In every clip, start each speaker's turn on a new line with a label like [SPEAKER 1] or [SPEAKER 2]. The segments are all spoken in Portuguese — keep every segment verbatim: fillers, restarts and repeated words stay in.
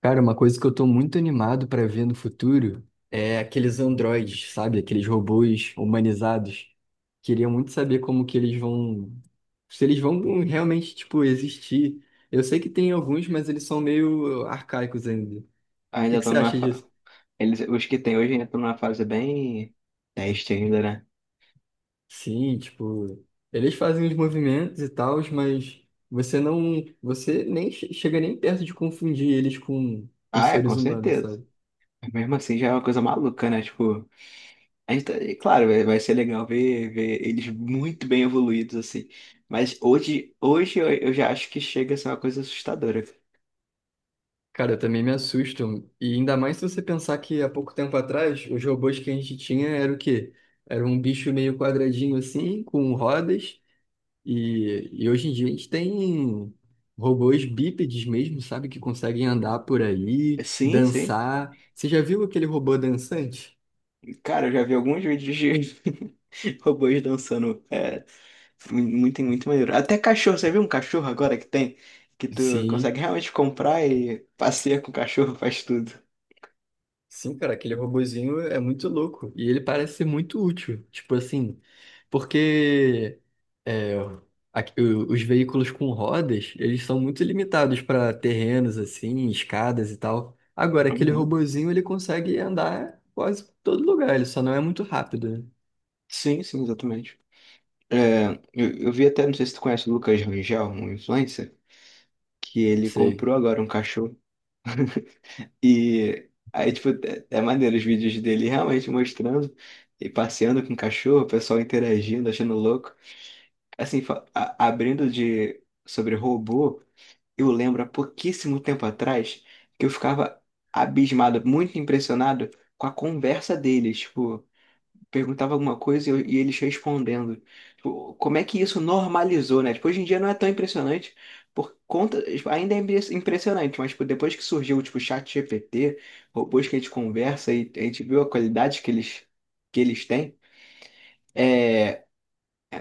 [SPEAKER 1] Cara, uma coisa que eu tô muito animado pra ver no futuro é aqueles androides, sabe? Aqueles robôs humanizados. Queria muito saber como que eles vão, se eles vão realmente, tipo, existir. Eu sei que tem alguns, mas eles são meio arcaicos ainda. O que
[SPEAKER 2] Ainda
[SPEAKER 1] que
[SPEAKER 2] estão
[SPEAKER 1] você
[SPEAKER 2] numa
[SPEAKER 1] acha
[SPEAKER 2] fa...
[SPEAKER 1] disso?
[SPEAKER 2] Eles, os que tem hoje ainda estão numa fase bem teste ainda, né?
[SPEAKER 1] Sim, tipo, eles fazem os movimentos e tal, mas você não, você nem che- chega nem perto de confundir eles com, com
[SPEAKER 2] Ah, é, com
[SPEAKER 1] seres humanos,
[SPEAKER 2] certeza.
[SPEAKER 1] sabe?
[SPEAKER 2] Mas mesmo assim já é uma coisa maluca, né? Tipo, a gente tá... e claro, vai, vai ser legal ver, ver eles muito bem evoluídos, assim. Mas hoje, hoje eu, eu já acho que chega a ser uma coisa assustadora.
[SPEAKER 1] Cara, eu também me assusto. E ainda mais se você pensar que há pouco tempo atrás, os robôs que a gente tinha era o quê? Era um bicho meio quadradinho assim, com rodas. E, e hoje em dia a gente tem robôs bípedes mesmo, sabe? Que conseguem andar por aí,
[SPEAKER 2] Sim, sim.
[SPEAKER 1] dançar. Você já viu aquele robô dançante?
[SPEAKER 2] Cara, eu já vi alguns vídeos de robôs dançando. É, muito, muito maneiro. Até cachorro, você viu um cachorro agora que tem? Que tu
[SPEAKER 1] Sim,
[SPEAKER 2] consegue realmente comprar e passeia com o cachorro, faz tudo.
[SPEAKER 1] sim, cara, aquele robozinho é muito louco. E ele parece ser muito útil. Tipo assim, porque é, aqui- o- os veículos com rodas, eles são muito limitados para terrenos, assim, escadas e tal. Agora, aquele
[SPEAKER 2] Uhum.
[SPEAKER 1] robozinho, ele consegue andar quase por todo lugar. Ele só não é muito rápido, né?
[SPEAKER 2] Sim, sim, exatamente. É, eu, eu vi até, não sei se tu conhece o Lucas Rangel, um influencer, que ele
[SPEAKER 1] Sei.
[SPEAKER 2] comprou agora um cachorro. E aí, tipo, é é maneiro os vídeos dele realmente mostrando e passeando com o cachorro, o pessoal interagindo, achando louco. Assim, fa- a- abrindo de sobre robô, eu lembro há pouquíssimo tempo atrás que eu ficava abismado, muito impressionado com a conversa deles. Tipo, perguntava alguma coisa e, eu- e eles respondendo. Tipo, como é que isso normalizou, né? Tipo, hoje em dia não é tão impressionante por conta, tipo, ainda é impre- impressionante, mas tipo, depois que surgiu tipo o chat G P T, robôs que a gente conversa e a gente viu a qualidade que eles que eles têm, é,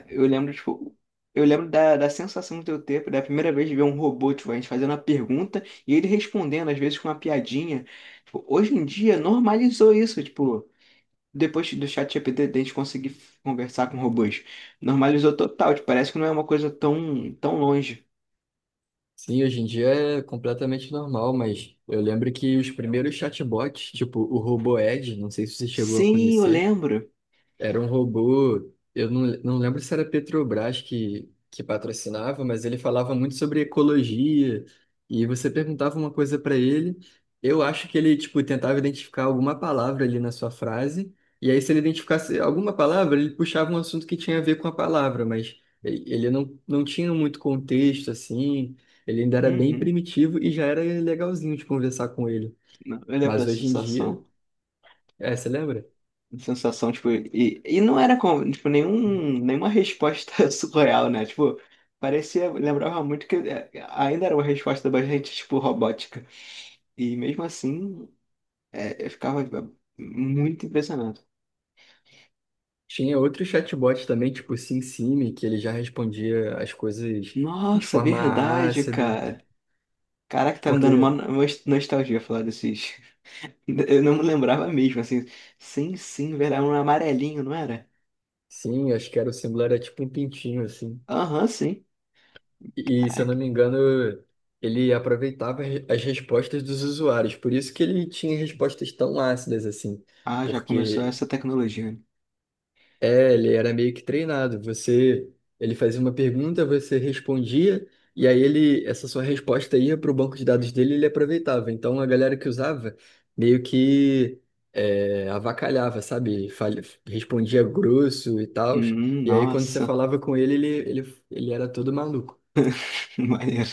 [SPEAKER 2] eu lembro tipo eu lembro da, da sensação do eu ter da primeira vez de ver um robô, tipo, a gente fazendo uma pergunta e ele respondendo, às vezes com uma piadinha. Tipo, hoje em dia normalizou isso, tipo, depois do ChatGPT, a gente conseguir conversar com robôs. Normalizou total, tipo, parece que não é uma coisa tão, tão longe.
[SPEAKER 1] Sim, hoje em dia é completamente normal, mas eu lembro que os primeiros chatbots, tipo o Robo Ed, não sei se você chegou a
[SPEAKER 2] Sim, eu
[SPEAKER 1] conhecer.
[SPEAKER 2] lembro.
[SPEAKER 1] Era um robô, eu não, não lembro se era Petrobras que, que patrocinava, mas ele falava muito sobre ecologia, e você perguntava uma coisa para ele. Eu acho que ele, tipo, tentava identificar alguma palavra ali na sua frase, e aí se ele identificasse alguma palavra, ele puxava um assunto que tinha a ver com a palavra, mas ele ele não, não tinha muito contexto, assim, ele ainda era bem
[SPEAKER 2] Uhum.
[SPEAKER 1] primitivo e já era legalzinho de conversar com ele.
[SPEAKER 2] Não, eu lembro
[SPEAKER 1] Mas
[SPEAKER 2] da
[SPEAKER 1] hoje em dia,
[SPEAKER 2] sensação.
[SPEAKER 1] é, você lembra?
[SPEAKER 2] Sensação, tipo, e, e não era como, tipo, nenhum, nenhuma resposta surreal, né? Tipo, parecia, lembrava muito que é, ainda era uma resposta bastante, tipo, robótica. E mesmo assim, é, eu ficava é, muito impressionado.
[SPEAKER 1] Tinha outro chatbot também, tipo o SimSimi, que ele já respondia as coisas de
[SPEAKER 2] Nossa,
[SPEAKER 1] forma
[SPEAKER 2] verdade,
[SPEAKER 1] ácida.
[SPEAKER 2] cara. Caraca, tá me dando uma
[SPEAKER 1] Porque,
[SPEAKER 2] no- nostalgia falar desses. Eu não me lembrava mesmo, assim. Sim, sim, velho, era um amarelinho, não era?
[SPEAKER 1] sim, acho que era o símbolo era tipo um pintinho, assim.
[SPEAKER 2] Aham, sim.
[SPEAKER 1] E, e, se eu não
[SPEAKER 2] Caraca.
[SPEAKER 1] me engano, ele aproveitava as as respostas dos usuários. Por isso que ele tinha respostas tão ácidas, assim.
[SPEAKER 2] Ah, já começou
[SPEAKER 1] Porque
[SPEAKER 2] essa tecnologia, né?
[SPEAKER 1] é, ele era meio que treinado. Você, ele fazia uma pergunta, você respondia, e aí ele, essa sua resposta ia para o banco de dados dele, e ele aproveitava. Então a galera que usava meio que é, avacalhava, sabe? Fal- Respondia grosso e tal.
[SPEAKER 2] Hum,
[SPEAKER 1] E aí quando você
[SPEAKER 2] nossa.
[SPEAKER 1] falava com ele, ele, ele, ele era todo maluco.
[SPEAKER 2] Maneiro.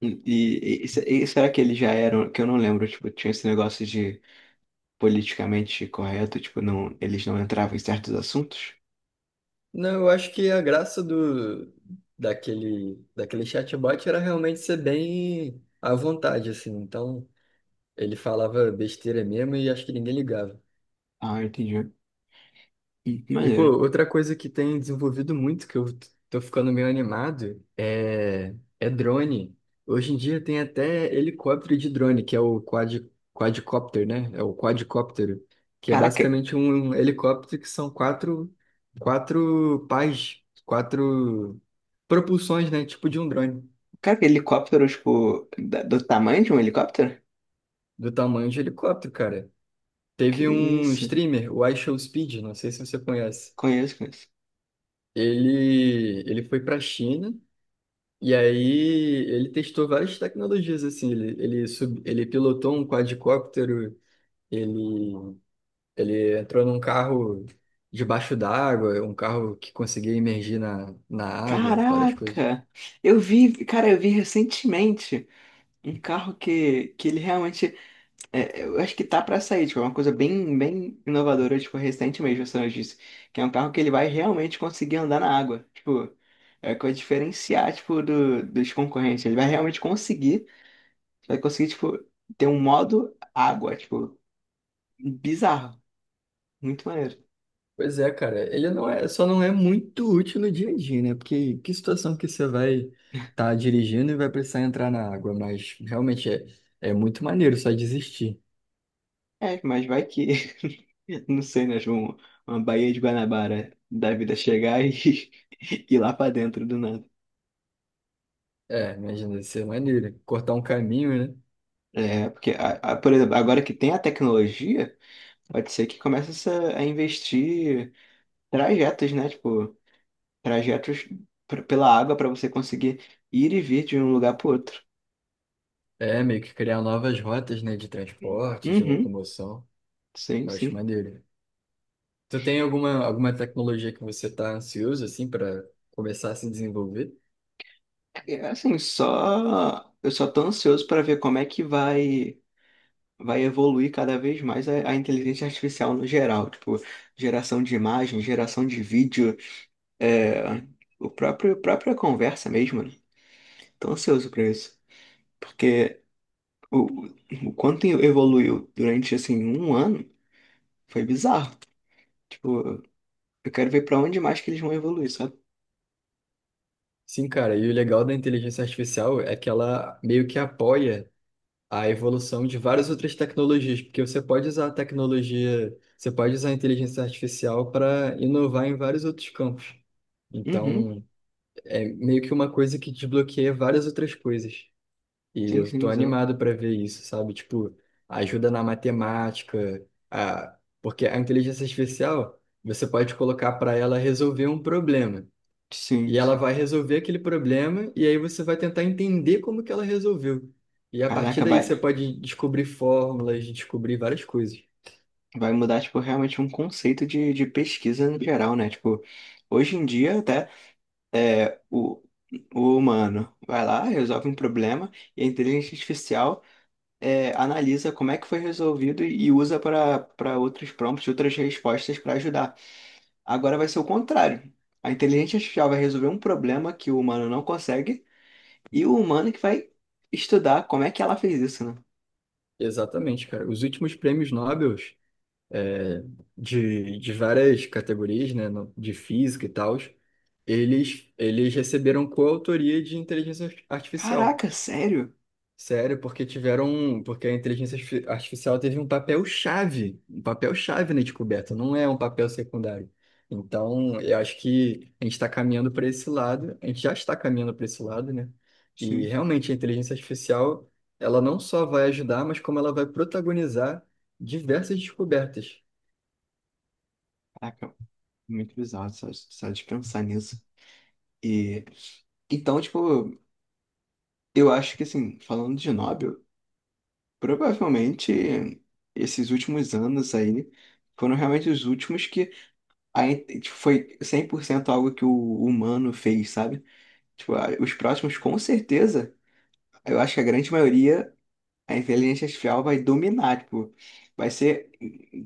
[SPEAKER 2] E, e, e se- e será que eles já eram, que eu não lembro, tipo, tinha esse negócio de politicamente correto, tipo, não, eles não entravam em certos assuntos?
[SPEAKER 1] Não, eu acho que a graça do daquele daquele chatbot era realmente ser bem à vontade, assim. Então ele falava besteira mesmo e acho que ninguém ligava.
[SPEAKER 2] Ah, entendi. Hum,
[SPEAKER 1] E, pô,
[SPEAKER 2] Maneiro.
[SPEAKER 1] outra coisa que tem desenvolvido muito, que eu t- tô ficando meio animado, é, é drone. Hoje em dia tem até helicóptero de drone, que é o quad... quadcopter, né? É o quadcóptero, que é
[SPEAKER 2] Caraca,
[SPEAKER 1] basicamente um um helicóptero que são quatro, quatro pás, quatro propulsões, né? Tipo de um drone,
[SPEAKER 2] cara, aquele helicóptero, tipo, da- do tamanho de um helicóptero?
[SPEAKER 1] do tamanho de helicóptero, cara.
[SPEAKER 2] Que
[SPEAKER 1] Teve um
[SPEAKER 2] isso?
[SPEAKER 1] streamer, o iShowSpeed, não sei se você conhece.
[SPEAKER 2] Conheço, conheço.
[SPEAKER 1] Ele, ele foi para a China e aí ele testou várias tecnologias assim. Ele, ele, sub, ele pilotou um quadricóptero, ele, ele entrou num carro debaixo d'água, um carro que conseguia imergir na, na água, várias coisas.
[SPEAKER 2] Caraca! Eu vi, cara, eu vi recentemente um carro que, que ele realmente, é, eu acho que tá pra sair, tipo, é uma coisa bem, bem inovadora, tipo, recente mesmo, essa notícia, que é um carro que ele vai realmente conseguir andar na água, tipo, é coisa diferenciar, tipo, do, dos concorrentes, ele vai realmente conseguir, vai conseguir, tipo, ter um modo água, tipo, bizarro, muito maneiro.
[SPEAKER 1] Pois é, cara, ele não é, só não é muito útil no dia a dia, né? Porque que situação que você vai estar dirigindo e vai precisar entrar na água, mas realmente é, é muito maneiro só desistir.
[SPEAKER 2] É, mas vai que, não sei, né? Tipo, um- uma Baía de Guanabara da vida chegar e ir lá pra dentro do nada.
[SPEAKER 1] É, imagina, deve ser maneiro. Cortar um caminho, né?
[SPEAKER 2] É, porque, a- a- por exemplo, agora que tem a tecnologia, pode ser que comece essa- a investir trajetos, né? Tipo, trajetos pr- pela água para você conseguir ir e vir de um lugar para outro.
[SPEAKER 1] É, meio que criar novas rotas, né, de transporte, de
[SPEAKER 2] Uhum,
[SPEAKER 1] locomoção.
[SPEAKER 2] sim,
[SPEAKER 1] Eu acho
[SPEAKER 2] sim.
[SPEAKER 1] maneiro. Tu tem alguma, alguma tecnologia que você tá ansioso, assim, para começar a se desenvolver?
[SPEAKER 2] É, assim, só. Eu só tô ansioso para ver como é que vai. Vai evoluir cada vez mais a, a inteligência artificial no geral, tipo, geração de imagem, geração de vídeo, é, o próprio, a própria conversa mesmo, né? Tô ansioso para isso, porque o, o quanto evoluiu durante, assim, um ano foi bizarro. Tipo, eu quero ver para onde mais que eles vão evoluir, sabe?
[SPEAKER 1] Sim, cara, e o legal da inteligência artificial é que ela meio que apoia a evolução de várias outras tecnologias, porque você pode usar a tecnologia, você pode usar a inteligência artificial para inovar em vários outros campos.
[SPEAKER 2] Uhum,
[SPEAKER 1] Então, é meio que uma coisa que desbloqueia várias outras coisas. E
[SPEAKER 2] sim,
[SPEAKER 1] eu tô
[SPEAKER 2] sim, exato.
[SPEAKER 1] animado para ver isso, sabe? Tipo, ajuda na matemática, a... porque a inteligência artificial, você pode colocar para ela resolver um problema.
[SPEAKER 2] Sim,
[SPEAKER 1] E ela
[SPEAKER 2] sim.
[SPEAKER 1] vai resolver aquele problema, e aí você vai tentar entender como que ela resolveu. E a partir
[SPEAKER 2] Caraca,
[SPEAKER 1] daí
[SPEAKER 2] vai,
[SPEAKER 1] você pode descobrir fórmulas, descobrir várias coisas.
[SPEAKER 2] vai mudar, tipo, realmente um conceito de, de pesquisa no geral, né? Tipo, hoje em dia até é, o, o humano vai lá, resolve um problema e a inteligência artificial é, analisa como é que foi resolvido e usa para para outros prompts, outras respostas para ajudar. Agora vai ser o contrário. A inteligência artificial vai resolver um problema que o humano não consegue e o humano que vai estudar como é que ela fez isso, né?
[SPEAKER 1] Exatamente, cara. Os últimos prêmios Nobel de, de várias categorias, né, no- de física e tal, eles, eles receberam coautoria de inteligência ar- artificial.
[SPEAKER 2] Caraca, sério?
[SPEAKER 1] Sério, porque tiveram, porque a inteligência artifi- artificial teve um papel chave, um papel chave na descoberta, não é um papel secundário. Então, eu acho que a gente está caminhando para esse lado, a gente já está caminhando para esse lado, né? E realmente a inteligência artificial, ela não só vai ajudar, mas como ela vai protagonizar diversas descobertas.
[SPEAKER 2] Caraca, muito bizarro só, só de pensar nisso. E então, tipo, eu acho que assim, falando de Nobel, provavelmente esses últimos anos aí foram realmente os últimos que a in- tipo, foi cem por cento algo que o humano fez, sabe? Tipo, a- os próximos com certeza, eu acho que a grande maioria a inteligência artificial vai dominar, tipo, vai ser,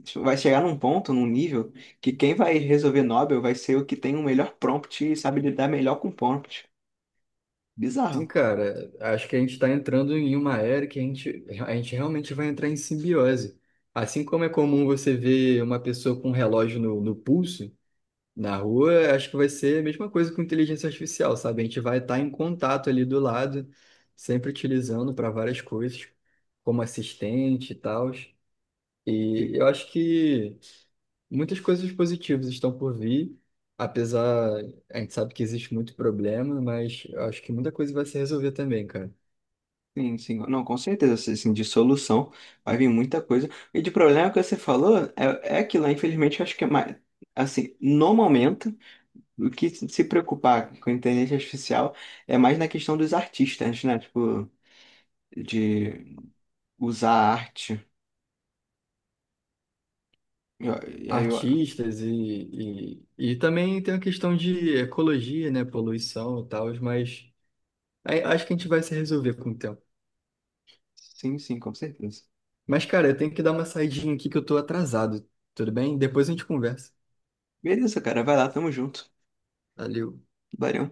[SPEAKER 2] tipo, vai chegar num ponto, num nível, que quem vai resolver Nobel vai ser o que tem o melhor prompt e sabe lidar melhor com prompt.
[SPEAKER 1] Sim,
[SPEAKER 2] Bizarro.
[SPEAKER 1] cara, acho que a gente está entrando em uma era que a gente, a gente realmente vai entrar em simbiose. Assim como é comum você ver uma pessoa com um relógio no, no pulso, na rua, acho que vai ser a mesma coisa com inteligência artificial, sabe? A gente vai estar em contato ali do lado, sempre utilizando para várias coisas, como assistente e tal. E
[SPEAKER 2] Sim,
[SPEAKER 1] eu acho que muitas coisas positivas estão por vir, apesar, a gente sabe que existe muito problema, mas eu acho que muita coisa vai se resolver também, cara.
[SPEAKER 2] sim, sim. Não, com certeza, assim, assim, de solução vai vir muita coisa. E de problema que você falou, é, é que lá, infelizmente, eu acho que é mais, assim, no momento, o que se preocupar com a inteligência artificial é mais na questão dos artistas, né? Tipo, de usar a arte. Eu- eu-
[SPEAKER 1] Artistas e, e, e também tem a questão de ecologia, né, poluição e tal, mas aí acho que a gente vai se resolver com o tempo.
[SPEAKER 2] Sim, sim, com certeza.
[SPEAKER 1] Mas, cara, eu tenho que dar uma saidinha aqui que eu tô atrasado, tudo bem? Depois a gente conversa.
[SPEAKER 2] Beleza, cara, vai lá, tamo junto.
[SPEAKER 1] Valeu.
[SPEAKER 2] Valeu.